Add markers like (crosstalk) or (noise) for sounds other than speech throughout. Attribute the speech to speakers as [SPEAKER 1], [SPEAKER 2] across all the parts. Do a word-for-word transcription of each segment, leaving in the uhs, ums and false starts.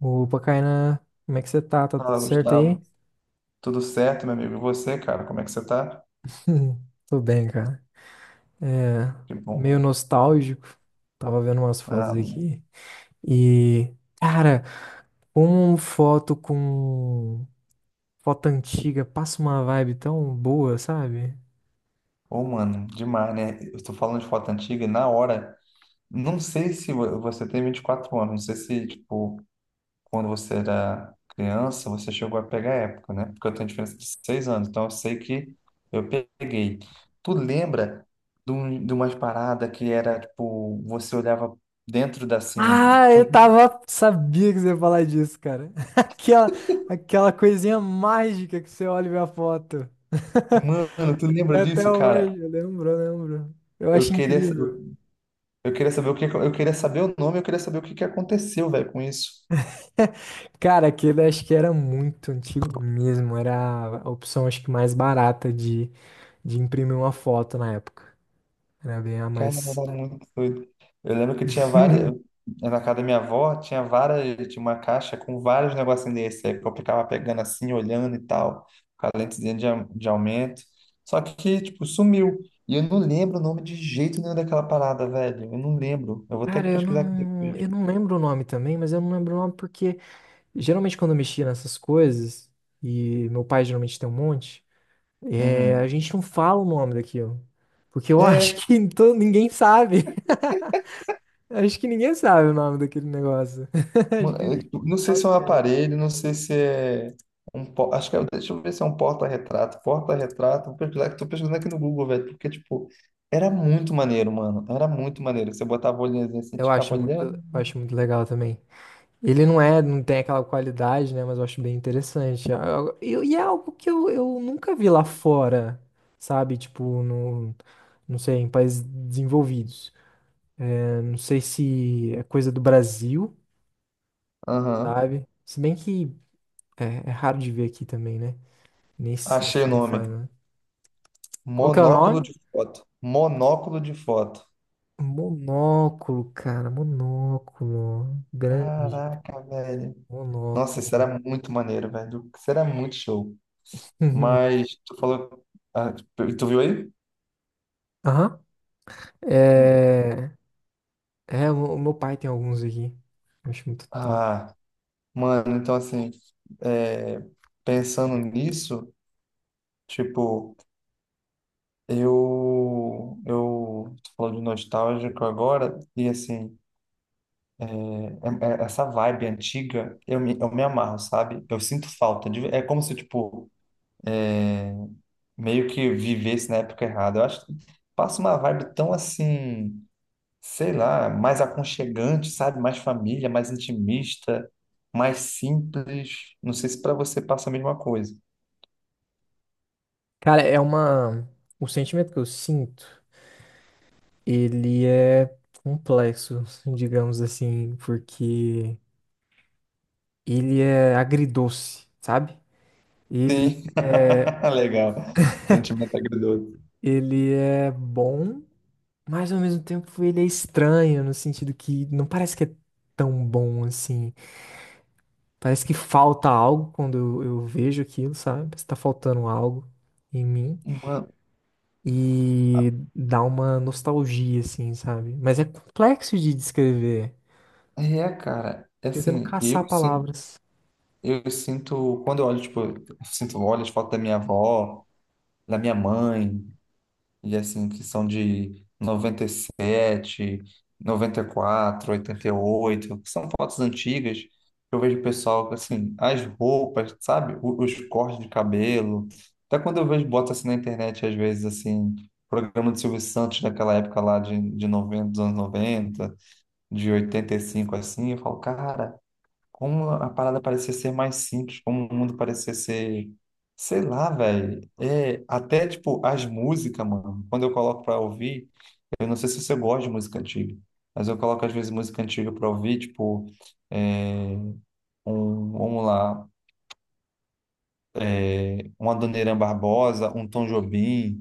[SPEAKER 1] Opa, Kainan, como é que você tá? Tá tudo
[SPEAKER 2] Fala,
[SPEAKER 1] certo
[SPEAKER 2] Gustavo.
[SPEAKER 1] aí?
[SPEAKER 2] Tudo certo, meu amigo? E você, cara? Como é que você tá?
[SPEAKER 1] (laughs) Tô bem, cara. É,
[SPEAKER 2] Que bom,
[SPEAKER 1] meio
[SPEAKER 2] mano.
[SPEAKER 1] nostálgico. Tava vendo umas fotos
[SPEAKER 2] Ah, mano.
[SPEAKER 1] aqui. E, cara, uma foto com foto antiga passa uma vibe tão boa, sabe?
[SPEAKER 2] Ô, mano, demais, né? Eu tô falando de foto antiga e na hora, não sei se vo- você tem vinte e quatro anos, não sei se, tipo, quando você era criança, você chegou a pegar a época, né? Porque eu tenho diferença de seis anos, então eu sei que eu peguei. Tu lembra de, um, de umas paradas que era, tipo, você olhava dentro da, assim,
[SPEAKER 1] Ah,
[SPEAKER 2] tinha
[SPEAKER 1] eu
[SPEAKER 2] um-
[SPEAKER 1] tava. Sabia que você ia falar disso, cara. (laughs) Aquela, aquela coisinha mágica que você olha e vê a foto. (laughs)
[SPEAKER 2] Mano, tu lembra
[SPEAKER 1] Até até
[SPEAKER 2] disso, cara?
[SPEAKER 1] hoje, eu lembro, eu lembro. Eu
[SPEAKER 2] Eu
[SPEAKER 1] acho
[SPEAKER 2] queria.
[SPEAKER 1] incrível.
[SPEAKER 2] Eu queria saber o que, eu queria saber o nome, eu queria saber o que que aconteceu, velho, com isso.
[SPEAKER 1] (laughs) Cara, aquele acho que era muito antigo mesmo. Era a opção, acho que mais barata de, de imprimir uma foto na época. Era bem a
[SPEAKER 2] Cara, era
[SPEAKER 1] mais.
[SPEAKER 2] muito doido. Eu lembro que tinha várias,
[SPEAKER 1] (laughs)
[SPEAKER 2] na casa da minha avó, tinha várias, tinha uma caixa com vários negocinhos desse, aí que eu ficava pegando assim, olhando e tal, com a lentezinha de, au- de aumento. Só que, tipo, sumiu. E eu não lembro o nome de jeito nenhum daquela parada, velho. Eu não lembro. Eu vou ter
[SPEAKER 1] Cara,
[SPEAKER 2] que
[SPEAKER 1] eu
[SPEAKER 2] pesquisar aqui
[SPEAKER 1] não,
[SPEAKER 2] depois.
[SPEAKER 1] eu não lembro o nome também, mas eu não lembro o nome porque geralmente quando eu mexia nessas coisas, e meu pai geralmente tem um monte, é, a
[SPEAKER 2] Uhum.
[SPEAKER 1] gente não fala o nome daquilo. Porque eu acho
[SPEAKER 2] É.
[SPEAKER 1] (laughs) que to- ninguém sabe. (laughs) Acho que ninguém sabe o nome daquele negócio. (laughs) Acho
[SPEAKER 2] Mano,
[SPEAKER 1] que,
[SPEAKER 2] eu tipo, não sei se é um
[SPEAKER 1] é,
[SPEAKER 2] aparelho, não sei se é um. po- acho que é, deixa eu ver se é um porta-retrato. Porta-retrato, vou pesquisar, que tô pesquisando aqui no Google, velho, porque, tipo, era muito maneiro, mano. Era muito maneiro. Você botava a olhinha assim, você
[SPEAKER 1] eu
[SPEAKER 2] ficava
[SPEAKER 1] acho muito,
[SPEAKER 2] olhando.
[SPEAKER 1] eu acho muito legal também. Ele não é, não tem aquela qualidade, né? Mas eu acho bem interessante. Ah, eu- E é algo que eu, eu nunca vi lá fora, sabe? Tipo, no, não sei, em países desenvolvidos. É, não sei se é coisa do Brasil,
[SPEAKER 2] Aham.
[SPEAKER 1] sabe? Se bem que é, é raro de ver aqui também, né? Nem se- a
[SPEAKER 2] Achei o
[SPEAKER 1] gente não faz,
[SPEAKER 2] nome.
[SPEAKER 1] né? Qual que é o
[SPEAKER 2] Monóculo
[SPEAKER 1] nome?
[SPEAKER 2] de foto. Monóculo de foto.
[SPEAKER 1] Monóculo, cara, monóculo. Grande.
[SPEAKER 2] Caraca, velho. Nossa, isso
[SPEAKER 1] Monóculo.
[SPEAKER 2] era muito maneiro, velho. Isso era muito show.
[SPEAKER 1] (laughs)
[SPEAKER 2] Mas tu falou. Ah, tu tu viu aí?
[SPEAKER 1] Aham.
[SPEAKER 2] Hum.
[SPEAKER 1] É, É, o o meu pai tem alguns aqui. Eu acho muito top.
[SPEAKER 2] Ah. Mano, então assim, é, pensando nisso, tipo, eu, eu tô falando de nostálgico agora, e assim, é- é- essa vibe antiga, eu me, eu me amarro, sabe? Eu sinto falta, de- é como se, tipo, é, meio que vivesse na época errada. Eu acho que passa uma vibe tão assim, sei lá, mais aconchegante, sabe? Mais família, mais intimista, mais simples. Não sei se pra você passa a mesma coisa.
[SPEAKER 1] Cara, é uma. O sentimento que eu sinto, ele é complexo, digamos assim, porque ele é agridoce, sabe? Ele
[SPEAKER 2] Sim,
[SPEAKER 1] é,
[SPEAKER 2] (laughs) legal. Sentimento agridoce.
[SPEAKER 1] ele é bom, mas ao mesmo tempo ele é estranho, no sentido que não parece que é tão bom assim. Parece que falta algo quando eu, eu vejo aquilo, sabe? Parece que tá faltando algo em mim.
[SPEAKER 2] Mano,
[SPEAKER 1] E dá uma nostalgia, assim, sabe? Mas é complexo de descrever,
[SPEAKER 2] é, cara, é
[SPEAKER 1] tentando
[SPEAKER 2] assim,
[SPEAKER 1] caçar
[SPEAKER 2] eu sinto,
[SPEAKER 1] palavras.
[SPEAKER 2] eu sinto, quando eu olho, tipo, eu sinto, olho as fotos da minha avó, da minha mãe, e assim, que são de noventa e sete, noventa e quatro, oitenta e sete, noventa e sete, noventa e quatro, oitenta e oito, que são fotos antigas, que eu vejo o pessoal, assim, as roupas, sabe? O- Os cortes de cabelo. Até quando eu vejo, boto assim na internet, às vezes, assim, programa de Silvio Santos daquela época lá de, de noventa dos anos noventa, de oitenta e cinco assim, eu falo, cara, como a parada parecia ser mais simples, como o mundo parecia ser, sei lá, velho. É, até tipo as músicas, mano. Quando eu coloco pra ouvir, eu não sei se você gosta de música antiga, mas eu coloco às vezes música antiga pra ouvir, tipo, é, um, vamos lá, um Adoniran Barbosa, um Tom Jobim.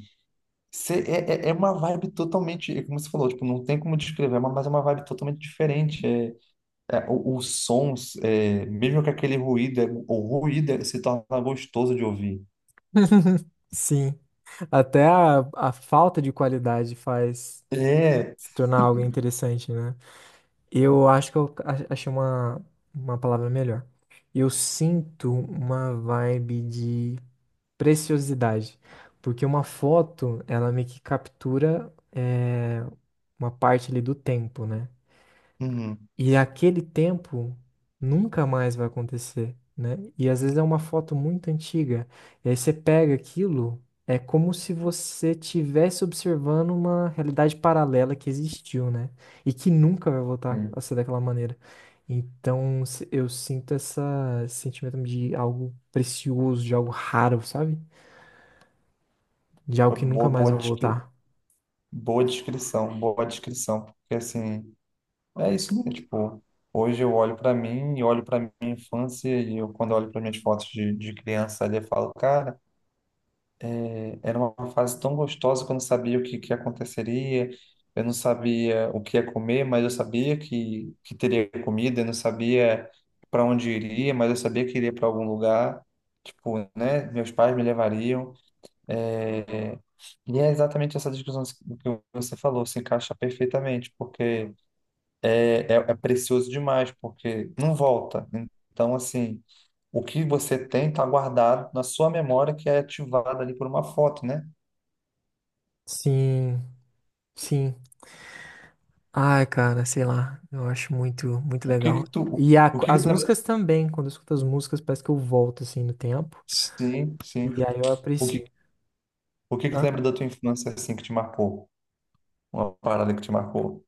[SPEAKER 2] Cê- é, é é uma vibe totalmente, é como você falou, tipo, não tem como descrever, mas é uma vibe totalmente diferente. É, é, o- os sons, é, mesmo que aquele ruído, é- o ruído é- se torna gostoso de ouvir.
[SPEAKER 1] (laughs) Sim, até a, a falta de qualidade faz
[SPEAKER 2] É,
[SPEAKER 1] se tornar algo interessante, né? Eu acho que eu a- achei uma, uma palavra melhor. Eu sinto uma vibe de preciosidade, porque uma foto, ela meio que captura é, uma parte ali do tempo, né?
[SPEAKER 2] uhum,
[SPEAKER 1] E aquele tempo nunca mais vai acontecer, né? E às vezes é uma foto muito antiga. E aí você pega aquilo, é como se você estivesse observando uma realidade paralela que existiu, né? E que nunca vai voltar
[SPEAKER 2] uhum.
[SPEAKER 1] a ser daquela maneira. Então se- eu sinto essa, esse sentimento de algo precioso, de algo raro, sabe? De algo que nunca
[SPEAKER 2] Boa,
[SPEAKER 1] mais
[SPEAKER 2] boa,
[SPEAKER 1] vai
[SPEAKER 2] descri-
[SPEAKER 1] voltar.
[SPEAKER 2] boa descrição, boa descrição, porque assim, é isso mesmo, tipo, hoje eu olho para mim e olho para minha infância e eu, quando eu olho para minhas fotos de, de criança ali, eu falo, cara, era uma fase tão gostosa que eu não sabia o que, que aconteceria, eu não sabia o que ia comer, mas eu sabia que, que teria comida, eu não sabia para onde iria, mas eu sabia que iria para algum lugar, tipo, né? Meus pais me levariam. É, e é exatamente essa discussão que você falou, se encaixa perfeitamente, porque é, é, é precioso demais, porque não volta. Então, assim. O que você tem está guardado na sua memória, que é ativada ali por uma foto, né?
[SPEAKER 1] Sim, sim. Ai, cara, sei lá. Eu acho muito, muito
[SPEAKER 2] O que
[SPEAKER 1] legal.
[SPEAKER 2] que tu,
[SPEAKER 1] E a-
[SPEAKER 2] o que que
[SPEAKER 1] as
[SPEAKER 2] tu lembra?
[SPEAKER 1] músicas também, quando eu escuto as músicas, parece que eu volto assim no tempo.
[SPEAKER 2] Sim, sim.
[SPEAKER 1] E aí eu
[SPEAKER 2] O que,
[SPEAKER 1] aprecio.
[SPEAKER 2] o que que tu
[SPEAKER 1] Ah,
[SPEAKER 2] lembra da tua infância assim que te marcou? Uma parada que te marcou?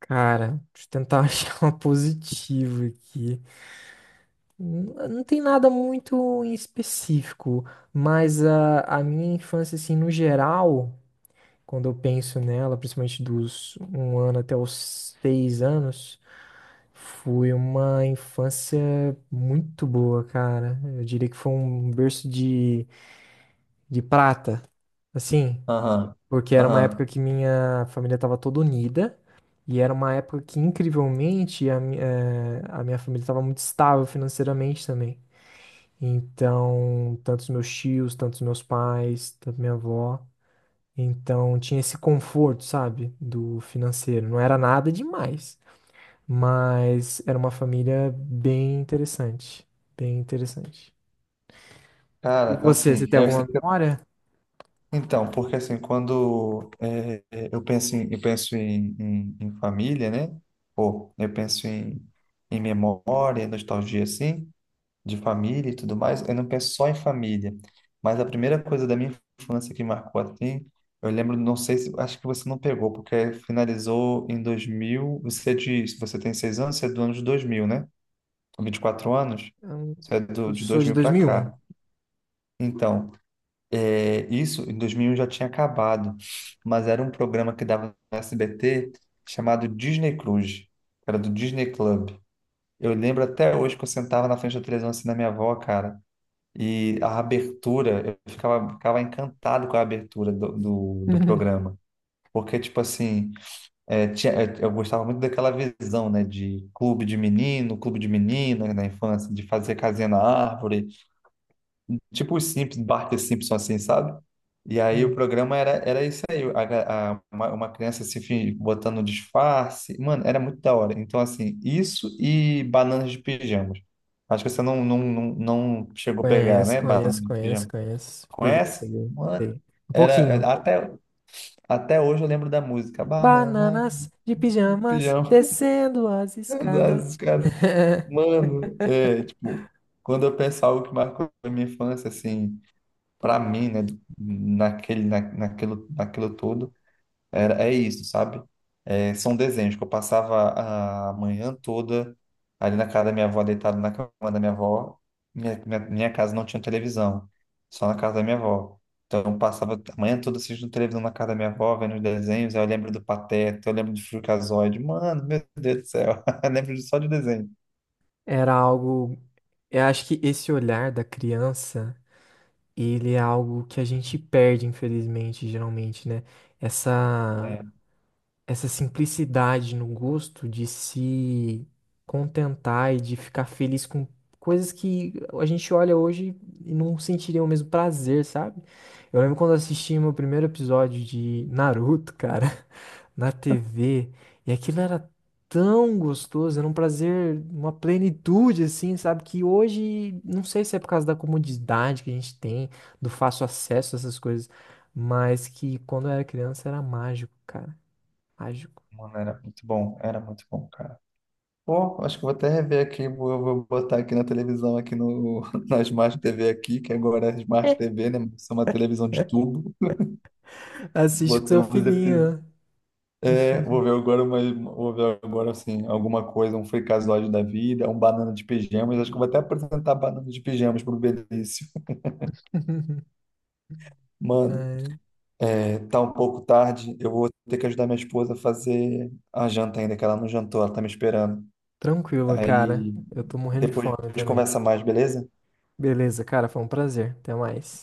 [SPEAKER 1] cara, deixa eu tentar (laughs) achar uma positiva aqui. N- Não tem nada muito em específico, mas a, a minha infância, assim, no geral, quando eu penso nela, principalmente dos um ano até os seis anos. Foi uma infância muito boa, cara. Eu diria que foi um berço de, de prata, assim,
[SPEAKER 2] Aham,
[SPEAKER 1] porque era uma
[SPEAKER 2] aham.
[SPEAKER 1] época que minha família estava toda unida e era uma época que, incrivelmente, a, mi- eh, a minha família estava muito estável financeiramente também. Então, tanto os meus tios, tanto os meus pais, tanto minha avó. Então, tinha esse conforto, sabe, do financeiro. Não era nada demais. Mas era uma família bem interessante. Bem interessante. E
[SPEAKER 2] Cara,
[SPEAKER 1] você, você
[SPEAKER 2] assim,
[SPEAKER 1] tem
[SPEAKER 2] é, eu sei
[SPEAKER 1] alguma
[SPEAKER 2] que- eu-
[SPEAKER 1] memória?
[SPEAKER 2] então, porque assim, quando é, é, eu penso em, eu penso em, em, em família, né? Pô, eu penso em, em memória, nostalgia, assim, de família e tudo mais, eu não penso só em família. Mas a primeira coisa da minha infância que marcou assim, eu lembro, não sei se, acho que você não pegou, porque finalizou em dois mil. Você diz, você tem seis anos, você é do ano de dois mil, né? Vinte e quatro anos,
[SPEAKER 1] Eu
[SPEAKER 2] você é do,
[SPEAKER 1] eu
[SPEAKER 2] de
[SPEAKER 1] sou
[SPEAKER 2] dois
[SPEAKER 1] de
[SPEAKER 2] mil para
[SPEAKER 1] dois mil e um.
[SPEAKER 2] cá. Então, é, isso em dois mil já tinha acabado, mas era um programa que dava no S B T chamado Disney Cruise, era do Disney Club. Eu lembro até hoje que eu sentava na frente da televisão assim na minha avó, cara. E a abertura, eu ficava, ficava encantado com a abertura do, do, do
[SPEAKER 1] (laughs)
[SPEAKER 2] programa. Porque, tipo assim, é, tinha, é, eu gostava muito daquela visão, né? De clube de menino, clube de menina na infância, de fazer casinha na árvore. Tipo os Simpsons, Bart e Simpson, assim, sabe? E aí o
[SPEAKER 1] Hum.
[SPEAKER 2] programa era, era isso aí. A ga- a- uma, uma criança se fi- botando um disfarce. Mano, era muito da hora. Então, assim, isso e bananas de pijamas. Acho que você não, não, não, não chegou a pegar,
[SPEAKER 1] Conheço,
[SPEAKER 2] né? Bananas
[SPEAKER 1] conheço,
[SPEAKER 2] de
[SPEAKER 1] conheço,
[SPEAKER 2] pijamas.
[SPEAKER 1] conheço. Peguei,
[SPEAKER 2] Conhece?
[SPEAKER 1] peguei,
[SPEAKER 2] Mano,
[SPEAKER 1] peguei. Um pouquinho.
[SPEAKER 2] era, até, até hoje eu lembro da música. Banana
[SPEAKER 1] Bananas de
[SPEAKER 2] de
[SPEAKER 1] pijamas
[SPEAKER 2] pijama.
[SPEAKER 1] descendo as escadas.
[SPEAKER 2] (laughs) Os caras.
[SPEAKER 1] (laughs)
[SPEAKER 2] Mano, é, tipo, quando eu penso algo que marcou a minha infância, assim, pra mim, né, naquele, na, naquilo, naquilo todo, era, é isso, sabe? É, são desenhos que eu passava a manhã toda ali na casa da minha avó, deitado na cama da minha avó. Minha, minha, minha casa não tinha televisão, só na casa da minha avó. Então eu passava a manhã toda assistindo televisão na casa da minha avó, vendo os desenhos. Aí eu lembro do Pateta, eu lembro do Freakazoid. Mano, meu (laughs) Deus do céu, (laughs) eu lembro só de desenho.
[SPEAKER 1] Era algo. Eu acho que esse olhar da criança, ele é algo que a gente perde, infelizmente, geralmente, né? Essa
[SPEAKER 2] É,
[SPEAKER 1] essa simplicidade no gosto de se contentar e de ficar feliz com coisas que a gente olha hoje e não sentiria o mesmo prazer, sabe? Eu lembro quando eu assisti meu primeiro episódio de Naruto, cara, (laughs) na tê vê, e aquilo era tão gostoso, era um prazer, uma plenitude, assim, sabe? Que hoje, não sei se é por causa da comodidade que a gente tem, do fácil acesso a essas coisas, mas que quando eu era criança era mágico, cara. Mágico.
[SPEAKER 2] mano, era muito bom, era muito bom, cara. Pô, acho que eu vou até rever aqui, vou, vou botar aqui na televisão, aqui no, (laughs) na Smart T V aqui, que agora é Smart
[SPEAKER 1] (laughs)
[SPEAKER 2] T V, né? Isso é uma televisão de
[SPEAKER 1] É.
[SPEAKER 2] tubo.
[SPEAKER 1] Assiste com seu
[SPEAKER 2] Botamos episódio.
[SPEAKER 1] filhinho.
[SPEAKER 2] É, vou ver agora, mas vou ver agora assim, alguma coisa, um fricazoide da vida, um banana de pijamas. Acho que eu vou até apresentar banana de pijamas pro Benício.
[SPEAKER 1] (laughs)
[SPEAKER 2] Mano,
[SPEAKER 1] É,
[SPEAKER 2] é, tá um pouco tarde, eu vou ter que ajudar minha esposa a fazer a janta ainda, que ela não jantou, ela tá me esperando.
[SPEAKER 1] tranquilo, cara.
[SPEAKER 2] Aí
[SPEAKER 1] Eu tô morrendo de
[SPEAKER 2] depois
[SPEAKER 1] fome
[SPEAKER 2] a gente
[SPEAKER 1] também.
[SPEAKER 2] conversa mais, beleza?
[SPEAKER 1] Beleza, cara, foi um prazer. Até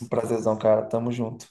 [SPEAKER 2] Um prazerzão, cara. Tamo junto.